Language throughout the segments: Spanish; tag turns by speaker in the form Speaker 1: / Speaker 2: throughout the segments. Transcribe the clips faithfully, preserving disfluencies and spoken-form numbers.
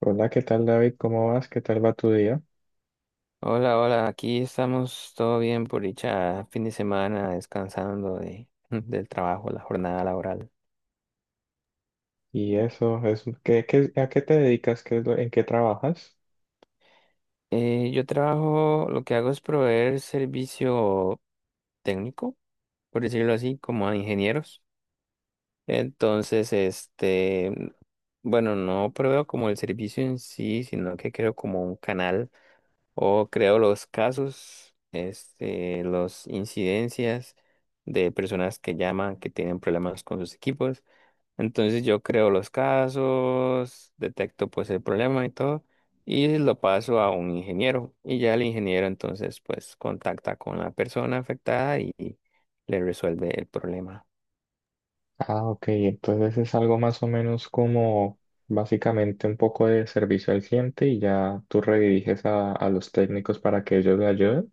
Speaker 1: Hola, ¿qué tal David? ¿Cómo vas? ¿Qué tal va tu día?
Speaker 2: Hola, hola, aquí estamos todo bien por dicha fin de semana descansando de, del trabajo, la jornada laboral.
Speaker 1: Y eso, es, ¿qué, qué- ¿a qué te dedicas? ¿Qué es lo- en qué trabajas?
Speaker 2: Eh, yo trabajo, lo que hago es proveer servicio técnico, por decirlo así, como a ingenieros. Entonces, este, bueno, no proveo como el servicio en sí, sino que creo como un canal o creo los casos, este, los incidencias de personas que llaman, que tienen problemas con sus equipos. Entonces yo creo los casos, detecto pues el problema y todo, y lo paso a un ingeniero. Y ya el ingeniero entonces pues contacta con la persona afectada y, y le resuelve el problema.
Speaker 1: Ah, ok, entonces es algo más o menos como básicamente un poco de servicio al cliente y ya tú rediriges a, a los técnicos para que ellos le ayuden.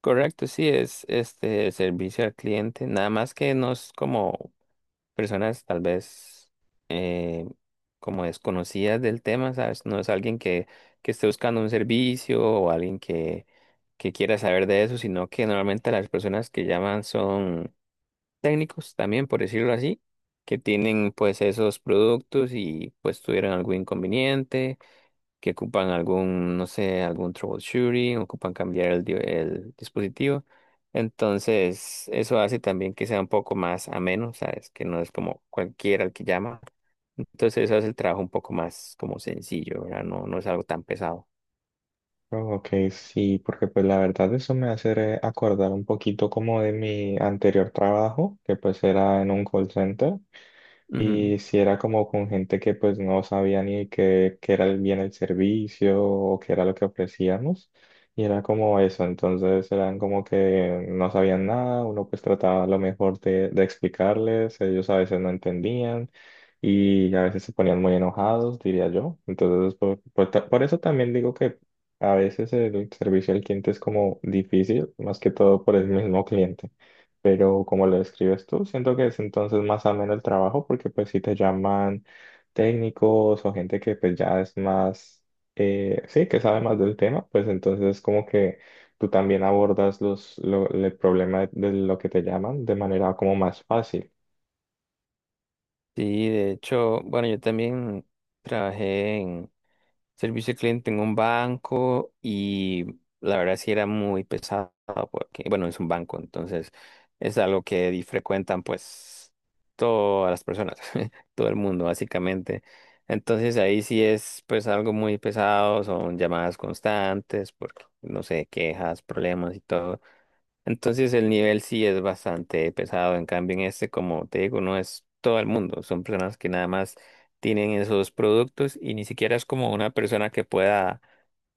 Speaker 2: Correcto, sí, es este servicio al cliente, nada más que no es como personas tal vez eh, como desconocidas del tema, ¿sabes? No es alguien que, que esté buscando un servicio o alguien que, que quiera saber de eso, sino que normalmente las personas que llaman son técnicos también, por decirlo así, que tienen pues esos productos y pues tuvieron algún inconveniente que ocupan algún, no sé, algún troubleshooting, ocupan cambiar el, di- el dispositivo. Entonces, eso hace también que sea un poco más ameno, ¿sabes? Que no es como cualquiera el que llama. Entonces, eso hace el trabajo un poco más como sencillo, ¿verdad? No, no es algo tan pesado.
Speaker 1: Oh, ok, sí, porque pues la verdad eso me hace re- acordar un poquito como de mi anterior trabajo, que pues era en un call center.
Speaker 2: Ujú.
Speaker 1: Y si era como con gente que pues no sabía ni qué, qué era el bien el servicio o qué era lo que ofrecíamos. Y era como eso, entonces eran como que no sabían nada, uno pues trataba a lo mejor de, de explicarles, ellos a veces no entendían y a veces se ponían muy enojados, diría yo. Entonces por, por ta- por eso también digo que a veces el servicio al cliente es como difícil, más que todo por el mismo cliente, pero como lo describes tú, siento que es entonces más ameno el trabajo porque pues si te llaman técnicos o gente que pues ya es más, eh, sí, que sabe más del tema, pues entonces como que tú también abordas los, lo- el problema de, de lo que te llaman de manera como más fácil.
Speaker 2: Sí, de hecho, bueno, yo también trabajé en servicio al cliente en un banco y la verdad sí era muy pesado porque, bueno, es un banco, entonces es algo que di- frecuentan pues todas las personas, todo el mundo básicamente. Entonces ahí sí es pues algo muy pesado, son llamadas constantes porque no sé, quejas, problemas y todo. Entonces el nivel sí es bastante pesado, en cambio en este, como te digo, no es todo el mundo, son personas que nada más tienen esos productos y ni siquiera es como una persona que pueda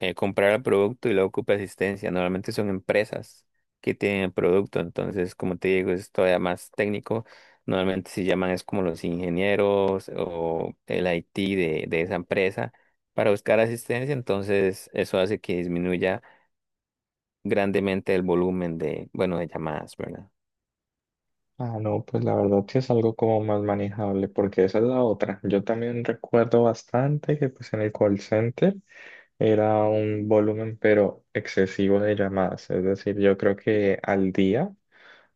Speaker 2: eh, comprar el producto y luego ocupe asistencia, normalmente son empresas que tienen el producto, entonces como te digo, es todavía más técnico, normalmente se llaman es como los ingenieros o el I T de, de esa empresa para buscar asistencia, entonces eso hace que disminuya grandemente el volumen de, bueno, de llamadas, ¿verdad?
Speaker 1: Ah, no, pues la verdad sí es algo como más manejable, porque esa es la otra. Yo también recuerdo bastante que pues en el call center era un volumen pero excesivo de llamadas, es decir, yo creo que al día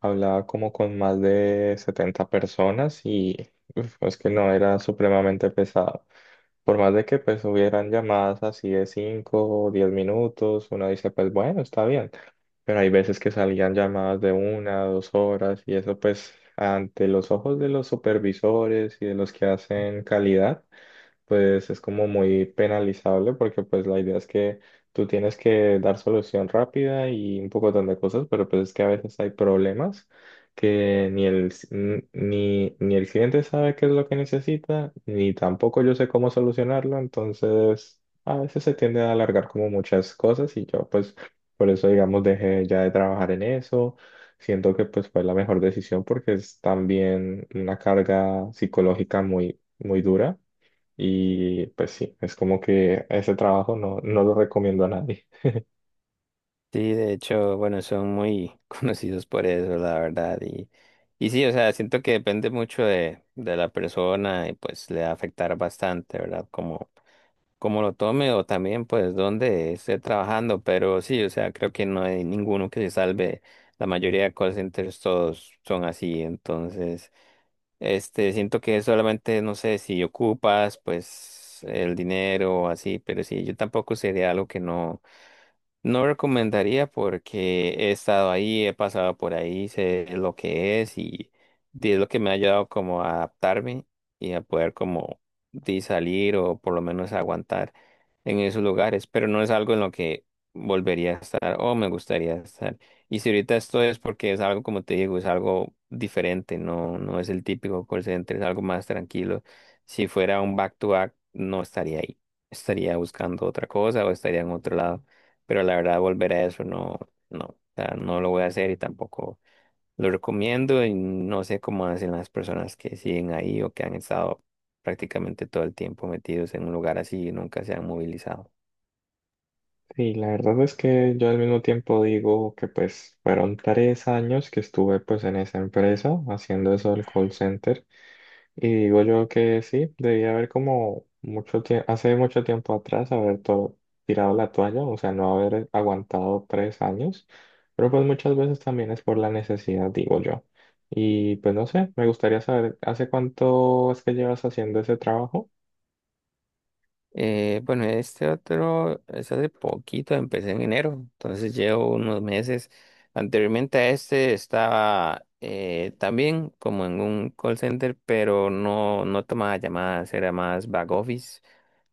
Speaker 1: hablaba como con más de setenta personas y uf, es que no era supremamente pesado. Por más de que pues hubieran llamadas así de cinco o diez minutos, uno dice pues bueno, está bien, pero hay veces que salían llamadas de una, dos horas y eso pues ante los ojos de los supervisores y de los que hacen calidad pues es como muy penalizable porque pues la idea es que tú tienes que dar solución rápida y un pocotón de cosas, pero pues es que a veces hay problemas que ni el, ci- ni, ni el cliente sabe qué es lo que necesita, ni tampoco yo sé cómo solucionarlo, entonces a veces se tiende a alargar como muchas cosas y yo pues por eso digamos dejé ya de trabajar en eso. Siento que pues fue la mejor decisión porque es también una carga psicológica muy, muy dura. Y pues sí, es como que ese trabajo no, no lo recomiendo a nadie.
Speaker 2: Sí, de hecho, bueno, son muy conocidos por eso, la verdad. Y, y sí, o sea, siento que depende mucho de, de la persona y pues le va a afectar bastante, ¿verdad? Como, como lo tome o también pues dónde esté trabajando. Pero sí, o sea, creo que no hay ninguno que se salve. La mayoría de call centers todos son así. Entonces, este, siento que solamente, no sé, si ocupas, pues, el dinero o así, pero sí, yo tampoco sería algo que no. No recomendaría porque he estado ahí, he pasado por ahí, sé lo que es y di- es lo que me ha ayudado como a adaptarme y a poder como di, salir o por lo menos aguantar en esos lugares, pero no es algo en lo que volvería a estar o me gustaría estar. Y si ahorita esto es porque es algo, como te digo, es algo diferente, no, no es el típico call center, es algo más tranquilo. Si fuera un back to back, no estaría ahí, estaría buscando otra cosa o estaría en otro lado pero la verdad volver a eso no, no, o sea, no lo voy a hacer y tampoco lo recomiendo y no sé cómo hacen las personas que siguen ahí o que han estado prácticamente todo el tiempo metidos en un lugar así y nunca se han movilizado.
Speaker 1: Y la verdad es que yo al mismo tiempo digo que pues fueron tres años que estuve pues en esa empresa haciendo eso del call center. Y digo yo que sí, debía haber como mucho tiempo, hace mucho tiempo atrás haber to- tirado la toalla, o sea, no haber aguantado tres años. Pero pues muchas veces también es por la necesidad, digo yo. Y pues no sé, me gustaría saber, ¿hace cuánto es que llevas haciendo ese trabajo?
Speaker 2: Eh, bueno, este otro es hace poquito, empecé en enero, entonces llevo unos meses. Anteriormente a este estaba eh, también como en un call center, pero no, no tomaba llamadas, era más back office.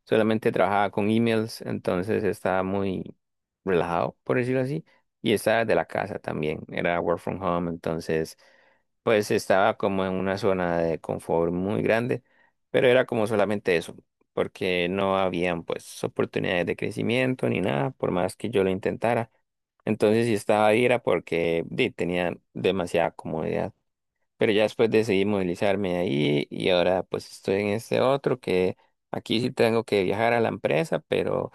Speaker 2: Solamente trabajaba con emails, entonces estaba muy relajado, por decirlo así, y estaba de la casa también, era work from home, entonces pues estaba como en una zona de confort muy grande, pero era como solamente eso, porque no habían pues oportunidades de crecimiento ni nada, por más que yo lo intentara. Entonces si estaba ahí era porque di, tenía demasiada comodidad. Pero ya después decidí movilizarme de ahí y ahora pues estoy en este otro que aquí sí tengo que viajar a la empresa, pero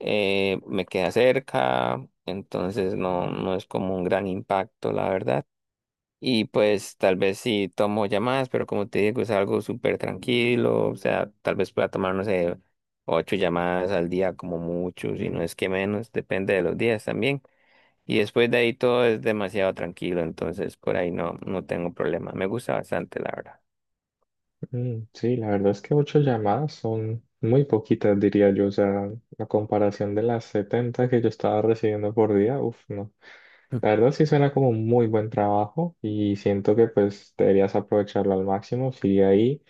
Speaker 2: eh, me queda cerca, entonces no, no es como un gran impacto, la verdad. Y pues tal vez sí tomo llamadas, pero como te digo, es algo súper tranquilo, o sea, tal vez pueda tomar, no sé, ocho llamadas al día como mucho, si no es que menos, depende de los días también. Y después de ahí todo es demasiado tranquilo, entonces por ahí no, no tengo problema. Me gusta bastante, la verdad.
Speaker 1: Mm, sí, la verdad es que ocho llamadas son muy poquitas, diría yo. O sea, la comparación de las setenta que yo estaba recibiendo por día, uff, no.
Speaker 2: Mm.
Speaker 1: La verdad sí suena como un muy buen trabajo y siento que pues deberías aprovecharlo al máximo, sigue ahí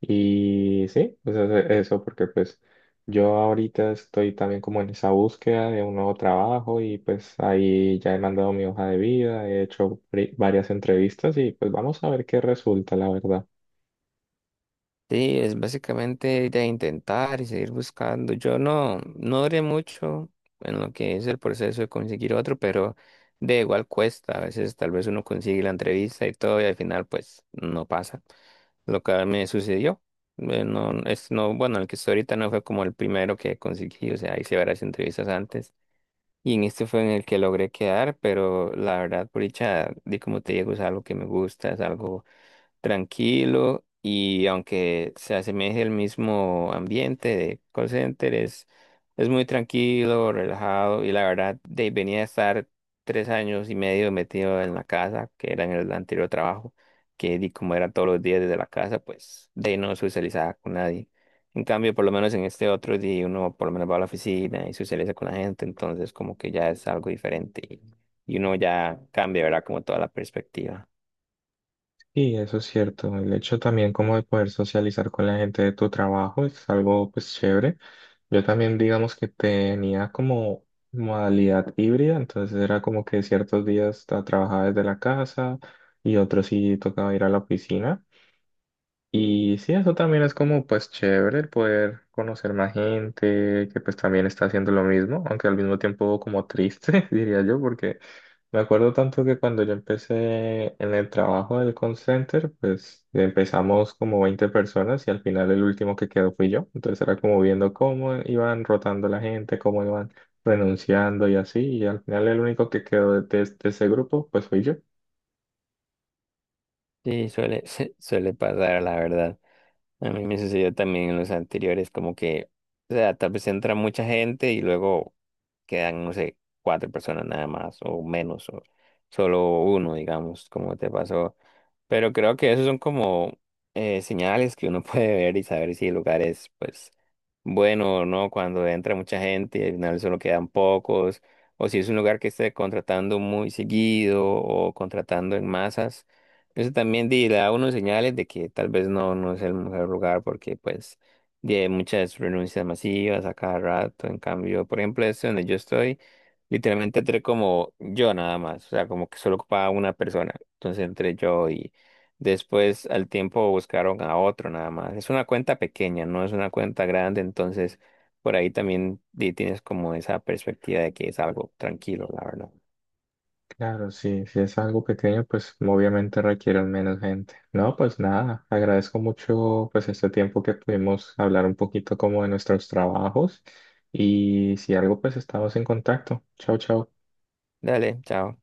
Speaker 1: y sí, pues ese- eso, porque pues yo ahorita estoy también como en esa búsqueda de un nuevo trabajo y pues ahí ya he mandado mi hoja de vida, he hecho pri- varias entrevistas y pues vamos a ver qué resulta, la verdad.
Speaker 2: Sí, es básicamente de intentar y seguir buscando. Yo no, no duré mucho en lo que es el proceso de conseguir otro, pero de igual cuesta. A veces tal vez uno consigue la entrevista y todo, y al final pues no pasa. Lo que me sucedió, eh, no, es, no, bueno, el que estoy ahorita no fue como el primero que conseguí, o sea, hice varias entrevistas antes. Y en este fue en el que logré quedar, pero la verdad, por dicha, di como te digo, es algo que me gusta, es algo tranquilo y aunque se asemeje al mismo ambiente de call center, es, es muy tranquilo, relajado y la verdad de, venía a estar tres años y medio metido en la casa, que era en el anterior trabajo, que di como era todos los días desde la casa, pues de ahí no socializaba con nadie. En cambio, por lo menos en este otro día uno por lo menos va a la oficina y socializa con la gente, entonces como que ya es algo diferente y, y uno ya cambia, ¿verdad? Como toda la perspectiva.
Speaker 1: Sí, eso es cierto. El hecho también como de poder socializar con la gente de tu trabajo es algo pues chévere. Yo también digamos que tenía como modalidad híbrida, entonces era como que ciertos días ta- trabajaba desde la casa y otros sí tocaba ir a la oficina. Y sí, eso también es como pues chévere el poder conocer más gente que pues también está haciendo lo mismo, aunque al mismo tiempo como triste, diría yo, porque me acuerdo tanto que cuando yo empecé en el trabajo del call center, pues empezamos como veinte personas y al final el último que quedó fui yo. Entonces era como viendo cómo iban rotando la gente, cómo iban renunciando y así, y al final el único que quedó de, de de ese grupo pues fui yo.
Speaker 2: Sí, suele, suele pasar, la verdad. A mí me sucedió también en los anteriores, como que, o sea, tal vez entra mucha gente y luego quedan, no pero creo que esos son como eh, señales que uno puede ver y saber si el lugar es, pues, bueno o no cuando entra mucha gente y al final solo quedan pocos, o si es un lugar que esté contratando muy seguido o contratando en masas. Eso también di- le da a uno señales de que tal vez no, no es el mejor lugar porque, pues, di, hay muchas renuncias masivas a cada rato. En cambio, por ejemplo, este donde yo estoy, literalmente entré como yo nada más, o sea, como que solo ocupaba una persona. Entonces entré yo. Después, al tiempo, buscaron a otro nada más. Es una cuenta pequeña, no es una cuenta grande, entonces por ahí también di- tienes como esa perspectiva de que es algo tranquilo, la verdad.
Speaker 1: Claro, sí, si es algo pequeño, pues obviamente requieren menos gente. No, pues nada, agradezco mucho pues este tiempo que pudimos hablar un poquito como de nuestros trabajos y si algo pues estamos en contacto. Chao, chao.
Speaker 2: Dale, chao.